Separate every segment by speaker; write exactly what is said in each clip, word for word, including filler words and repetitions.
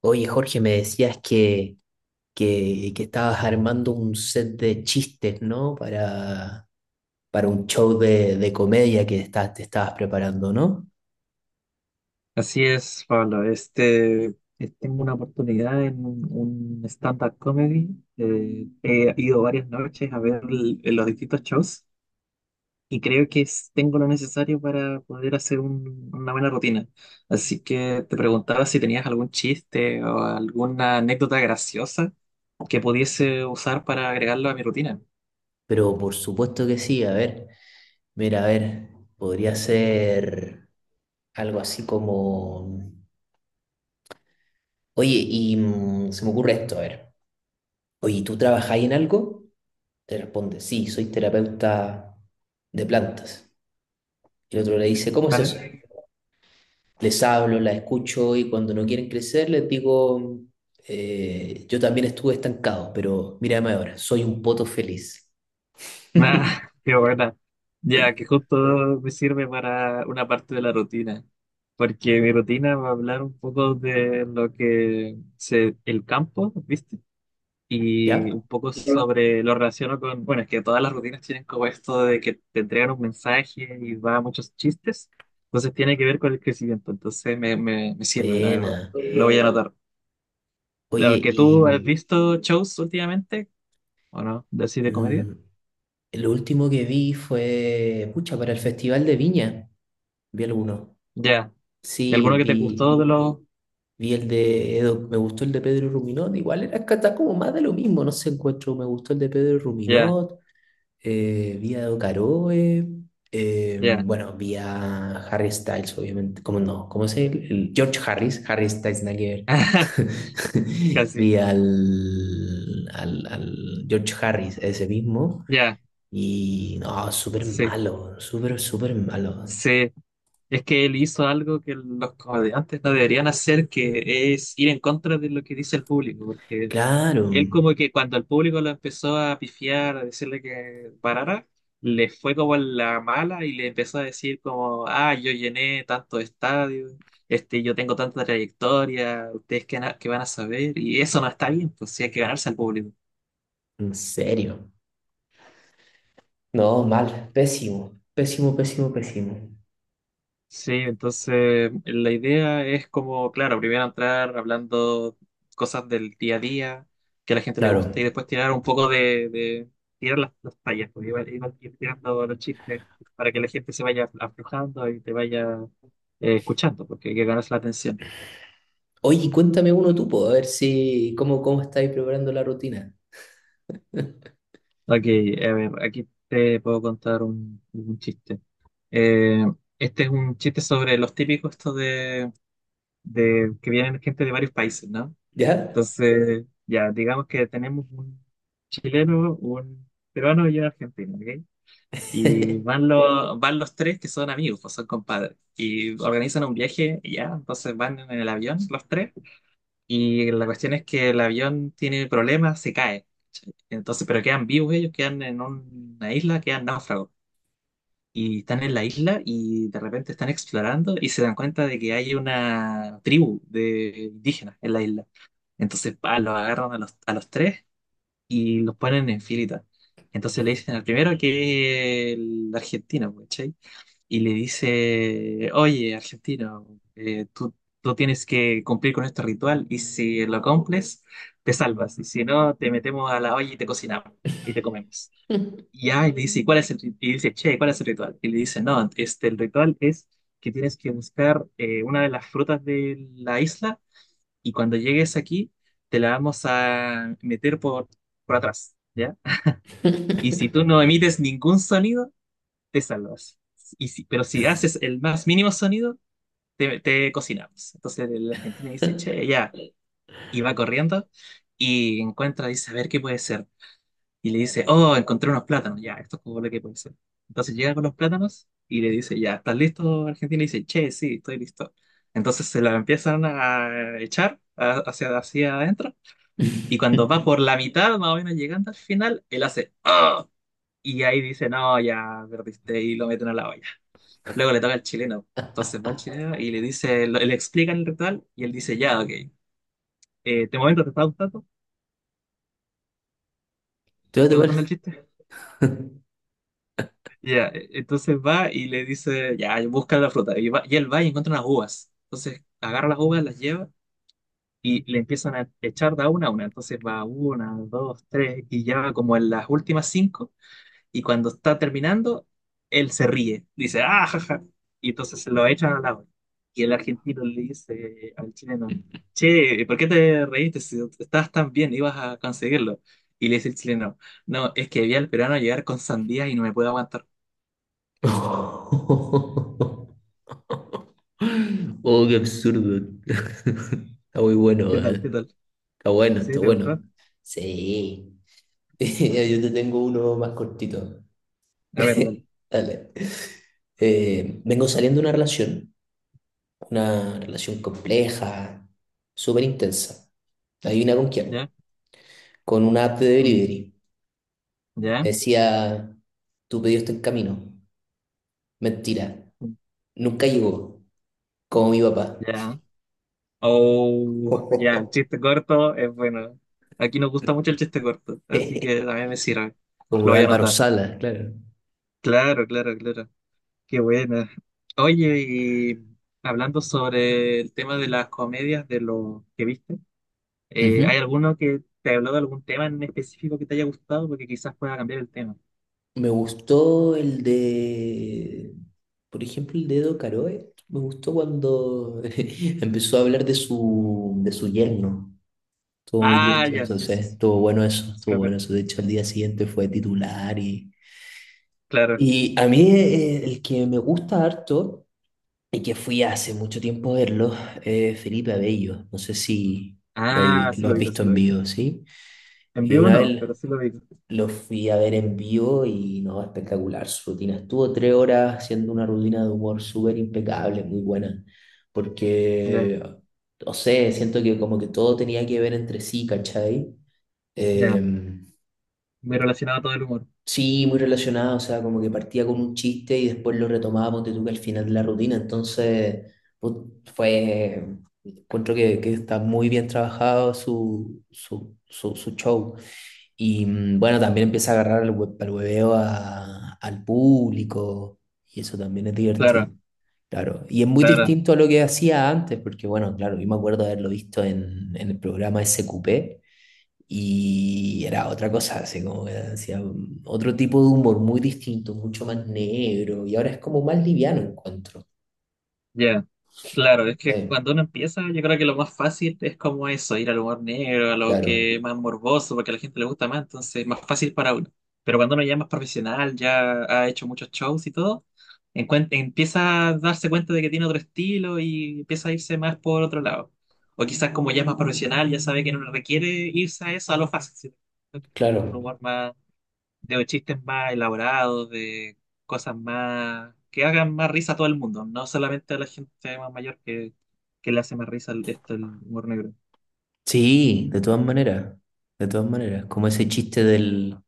Speaker 1: Oye, Jorge, me decías que, que, que estabas armando un set de chistes, ¿no? Para, para un show de, de comedia que estás, te estabas preparando, ¿no?
Speaker 2: Así es, Pablo. Este, eh, tengo una oportunidad en un un stand-up comedy. Eh, he ido varias noches a ver l- los distintos shows y creo que es- tengo lo necesario para poder hacer un- una buena rutina. Así que te preguntaba si tenías algún chiste o alguna anécdota graciosa que pudiese usar para agregarlo a mi rutina,
Speaker 1: Pero por supuesto que sí, a ver, mira, a ver, podría ser algo así como... Oye, y mm, se me ocurre esto, a ver. Oye, ¿tú trabajáis en algo? Te responde, sí, soy terapeuta de plantas. Y el otro le dice, ¿cómo es eso?
Speaker 2: ¿vale?
Speaker 1: Les hablo, las escucho y cuando no quieren crecer les digo, eh, yo también estuve estancado, pero mírame ahora, soy un poto feliz.
Speaker 2: Ah, qué buena. Ya, que justo me sirve para una parte de la rutina, porque mi rutina va a hablar un poco de lo que se, el campo, ¿viste? Y un
Speaker 1: ¿Ya?
Speaker 2: poco sobre lo relaciono con, bueno, es que todas las rutinas tienen como esto de que te entregan un mensaje y va a muchos chistes, entonces tiene que ver con el crecimiento, entonces me, me, me sirve, la verdad.
Speaker 1: Buena.
Speaker 2: Lo voy a anotar.
Speaker 1: Oye,
Speaker 2: Claro, que
Speaker 1: y
Speaker 2: tú has visto shows últimamente, ¿o no? De así de comedia.
Speaker 1: mm, lo último que vi fue, pucha, para el Festival de Viña, vi alguno.
Speaker 2: Ya. ¿Y
Speaker 1: Sí,
Speaker 2: alguno que te gustó
Speaker 1: vi,
Speaker 2: de los?
Speaker 1: vi el de Edo, me gustó el de Pedro Ruminot, igual era que está como más de lo mismo, no sé, encuentro, me gustó el de Pedro
Speaker 2: Ya,
Speaker 1: Ruminot. eh, vi a Caroe, eh,
Speaker 2: ya.
Speaker 1: bueno, vía Harry Styles, obviamente, ¿cómo no? ¿Cómo es el, el George Harris? Harry Styles, nada que ver.
Speaker 2: Casi,
Speaker 1: Vi al, al, al George Harris, ese mismo,
Speaker 2: ya,
Speaker 1: y no, súper
Speaker 2: sí,
Speaker 1: malo, súper, súper malo.
Speaker 2: sí. Es que él hizo algo que los comediantes no deberían hacer, que es ir en contra de lo que dice el público, porque
Speaker 1: Claro,
Speaker 2: él como que cuando el público lo empezó a pifiar, a decirle que parara, le fue como en la mala y le empezó a decir como, ah, yo llené tantos estadios, este, yo tengo tanta trayectoria, ustedes que, que van a saber, y eso no está bien, pues sí hay que ganarse al público.
Speaker 1: en serio. No, mal, pésimo, pésimo, pésimo, pésimo.
Speaker 2: Sí, entonces la idea es como, claro, primero entrar hablando cosas del día a día que a la gente le
Speaker 1: Claro.
Speaker 2: gusta y después tirar un poco de, de tirar las, las tallas, pues, iba- iba- ir tirando los chistes para que la gente se vaya aflojando y te vaya eh, escuchando, porque hay que ganarse la atención.
Speaker 1: Oye, cuéntame uno tú, po, a ver si, cómo, cómo estáis preparando la rutina,
Speaker 2: Ok, a ver, aquí te puedo contar un, un chiste. Eh, este es un chiste sobre los típicos estos de, de que vienen gente de varios países, ¿no?
Speaker 1: ¿ya?
Speaker 2: Entonces, ya, digamos que tenemos un chileno, un peruano y un argentino, ¿ok? Y van los, van los tres que son amigos, pues son compadres. Y organizan un viaje, y ya, entonces van en el avión los tres. Y la cuestión es que el avión tiene problemas, se cae. Entonces, pero quedan vivos ellos, quedan en una isla, quedan náufragos. Y están en la isla y de repente están explorando y se dan cuenta de que hay una tribu de indígenas en la isla. Entonces, pa, los agarran a los, a los tres y los ponen en filita. Entonces le dicen al primero que es el argentino, pues, ¿cachai? Y le dice, oye, argentino, eh, tú, tú tienes que cumplir con este ritual y si lo cumples, te salvas. Y si no, te metemos a la olla y te cocinamos y te comemos.
Speaker 1: ¿Te
Speaker 2: Y ya, y le dice, "¿Y cuál es el rit-?". Y dice, che, ¿cuál es el ritual? Y le dice, no, este, el ritual es que tienes que buscar eh, una de las frutas de la isla y cuando llegues aquí, te la vamos a meter por, por atrás, ¿ya? Y si tú no emites ningún sonido, te salvas. Y si- pero si haces el más mínimo sonido, te, te cocinamos. Entonces el argentino dice, che, ya, y va corriendo y encuentra, dice, a ver qué puede ser. Y le dice, oh, encontré unos plátanos, ya, esto es como lo que puede ser. Entonces llega con los plátanos y le dice, ya, ¿estás listo, argentino? Y dice, che, sí, estoy listo. Entonces se la empiezan a echar a- hacia, hacia adentro. Y cuando va por la mitad, más o menos llegando al final, él hace "Ah". Y ahí dice, no, ya perdiste y lo meten a la olla. Luego le toca al chileno. Entonces va el chileno y le dice, lo- le explican el ritual y él dice, ya, ok. Eh, ¿de momento te está gustando?
Speaker 1: va
Speaker 2: ¿Te
Speaker 1: a
Speaker 2: está gustando
Speaker 1: topar?
Speaker 2: el chiste? Ya, eh, entonces va y le dice, ya, busca la fruta. Y, va- y él va y encuentra unas uvas. Entonces agarra las uvas, las lleva y le empiezan a echar de a una a una. Entonces va una, dos, tres y ya como en las últimas cinco. Y cuando está terminando, él se ríe, dice, ah, jaja. Y entonces se lo echan al la. Y el argentino le dice al chileno, che, ¿por qué te reíste si estabas tan bien, ibas a conseguirlo? Y le dice el chileno, no, es que vi al peruano llegar con sandía y no me puedo aguantar.
Speaker 1: Oh, qué absurdo. Está muy bueno,
Speaker 2: ¿Qué tal? ¿Qué
Speaker 1: eh.
Speaker 2: tal?
Speaker 1: Está bueno,
Speaker 2: ¿Sí?
Speaker 1: está
Speaker 2: ¿Te
Speaker 1: bueno.
Speaker 2: gustó?
Speaker 1: Sí. Yo te tengo uno más cortito.
Speaker 2: A ver, dale.
Speaker 1: Dale. Eh, vengo saliendo de una relación, una relación compleja, súper intensa. Adivina con quién.
Speaker 2: ¿Ya?
Speaker 1: Con una app de
Speaker 2: Mm.
Speaker 1: delivery. Me
Speaker 2: ¿Ya?
Speaker 1: decía, tu pedido está en camino. Mentira,
Speaker 2: Mm.
Speaker 1: nunca llegó. Como mi papá,
Speaker 2: ¿Ya? Oh, ya, el
Speaker 1: ujú.
Speaker 2: chiste corto es bueno. Aquí nos gusta mucho el chiste corto, así que también me sirve.
Speaker 1: Como
Speaker 2: Lo
Speaker 1: de
Speaker 2: voy a
Speaker 1: Álvaro
Speaker 2: anotar.
Speaker 1: Sala, claro.
Speaker 2: Claro, claro, claro. Qué buena. Oye, y hablando sobre el tema de las comedias, de lo que viste, eh,
Speaker 1: Ujú.
Speaker 2: ¿hay alguno que te habló de algún tema en específico que te haya gustado? Porque quizás pueda cambiar el tema.
Speaker 1: Me gustó el de, por ejemplo, el de Edo Caroe. Me gustó cuando empezó a hablar de su, de su yerno. Estuvo muy
Speaker 2: Ah,
Speaker 1: divertido,
Speaker 2: ya, sí,
Speaker 1: entonces
Speaker 2: sí, sí.
Speaker 1: estuvo bueno eso,
Speaker 2: Sí, me
Speaker 1: estuvo bueno
Speaker 2: acuerdo.
Speaker 1: eso. De hecho, al día siguiente fue titular y,
Speaker 2: Claro.
Speaker 1: y a mí eh, el que me gusta harto y que fui hace mucho tiempo a verlo es Felipe Abello. No sé si lo, hay-
Speaker 2: Ah, sí
Speaker 1: lo
Speaker 2: lo
Speaker 1: has
Speaker 2: digo,
Speaker 1: visto
Speaker 2: sí lo
Speaker 1: en
Speaker 2: digo.
Speaker 1: vivo, ¿sí?
Speaker 2: En
Speaker 1: Y
Speaker 2: vivo
Speaker 1: una
Speaker 2: no,
Speaker 1: vez
Speaker 2: pero sí lo digo.
Speaker 1: lo fui a ver en vivo y no, espectacular su rutina. Estuvo tres horas haciendo una rutina de humor súper impecable, muy buena,
Speaker 2: Ya,
Speaker 1: porque, no sé, siento que como que todo tenía que ver entre sí, ¿cachai? Eh,
Speaker 2: ya. Me relacionaba todo el humor.
Speaker 1: sí, muy relacionado, o sea, como que partía con un chiste y después lo retomaba, ponte tú que al final de la rutina, entonces put- fue, encuentro que, que está muy bien trabajado su, su, su, su show. Y mm, bueno, también empieza a agarrar el, hue- el hueveo a- al público y eso también es divertido.
Speaker 2: Claro,
Speaker 1: Claro, y es muy
Speaker 2: claro.
Speaker 1: distinto a lo que hacía antes, porque bueno, claro, yo me acuerdo de haberlo visto en, en el programa S Q P y era otra cosa, así como que hacía un- otro tipo de humor muy distinto, mucho más negro, y ahora es como más liviano encuentro.
Speaker 2: Ya, claro, es que
Speaker 1: Eh,
Speaker 2: cuando uno empieza, yo creo que lo más fácil es como eso, ir al humor negro, a lo
Speaker 1: claro,
Speaker 2: que es más morboso, porque a la gente le gusta más, entonces es más fácil para uno. Pero cuando uno ya es más profesional, ya ha hecho muchos shows y todo, encuen- empieza a darse cuenta de que tiene otro estilo y empieza a irse más por otro lado. O quizás como ya es más profesional, ya sabe que no le requiere irse a eso, a lo fácil, sino un
Speaker 1: claro.
Speaker 2: humor más de chistes más elaborados, de cosas más que hagan más risa a todo el mundo, no solamente a la gente más mayor que, que le hace más risa el- esto el humor negro.
Speaker 1: Sí, de todas maneras, de todas maneras, como ese chiste del,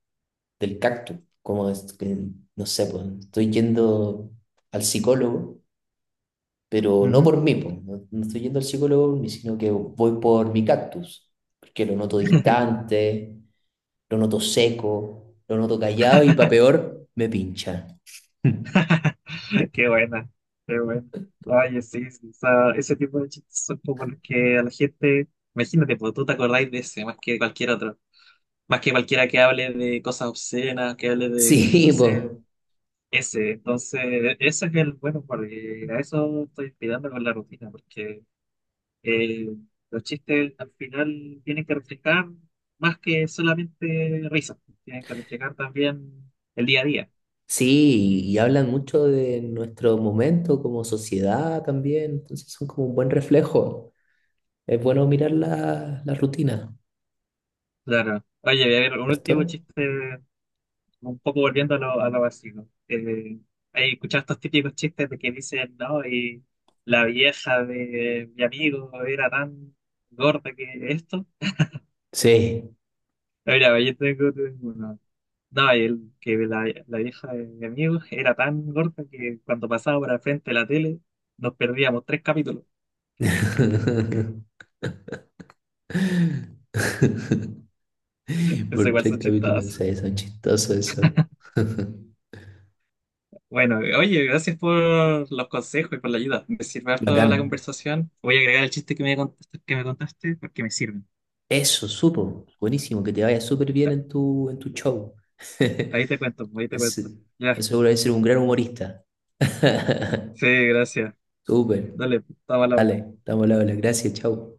Speaker 1: del cactus. Como es que, no sé, pues estoy yendo al psicólogo, pero no
Speaker 2: Ujú.
Speaker 1: por mí, pues, no, no estoy yendo al psicólogo, ni sino que voy por mi cactus, porque lo noto distante, lo noto seco, lo noto callado y para peor, me pincha.
Speaker 2: Qué buena, qué buena. Oye, sí, sí, o sea, ese tipo de chistes son como los que a la gente, imagínate, pues tú te acordáis de ese más que cualquier otro, más que cualquiera que hable de cosas obscenas, que hable de, no
Speaker 1: Sí,
Speaker 2: sé,
Speaker 1: pues
Speaker 2: ese. Entonces, e-, eso es el bueno, porque a eso estoy inspirando con la rutina, porque Eh, los chistes al final tienen que reflejar más que solamente risas, tienen que reflejar también el día a día.
Speaker 1: sí, y hablan mucho de nuestro momento como sociedad también, entonces son como un buen reflejo. Es bueno mirar la, la rutina,
Speaker 2: Claro. Oye, voy a ver, un
Speaker 1: ¿cierto?
Speaker 2: último chiste, un poco volviendo a lo, a lo básico. Eh, hay escuchado estos típicos chistes de que dicen, no, y la vieja de mi amigo era tan gorda que esto.
Speaker 1: Sí,
Speaker 2: Mira, yo tengo uno. No, y el, que la, la vieja de mi amigo era tan gorda que cuando pasaba por al frente de la tele nos perdíamos tres capítulos. Eso
Speaker 1: por
Speaker 2: igual
Speaker 1: tres
Speaker 2: son
Speaker 1: capítulos en
Speaker 2: chistadas.
Speaker 1: seis, son chistosos eso.
Speaker 2: Bueno, oye, gracias por los consejos y por la ayuda. Me sirve harto
Speaker 1: Bacán.
Speaker 2: la conversación. Voy a agregar el chiste que me contaste, que me contaste porque me sirven.
Speaker 1: Eso, supo. Buenísimo, que te vaya súper bien en tu, en tu show.
Speaker 2: Ahí te cuento, ahí te
Speaker 1: Es-
Speaker 2: cuento. Ya,
Speaker 1: seguro de ser un gran humorista.
Speaker 2: sí, gracias.
Speaker 1: Súper.
Speaker 2: Dale, estaba al habla.
Speaker 1: Dale, estamos al habla. Gracias, chau.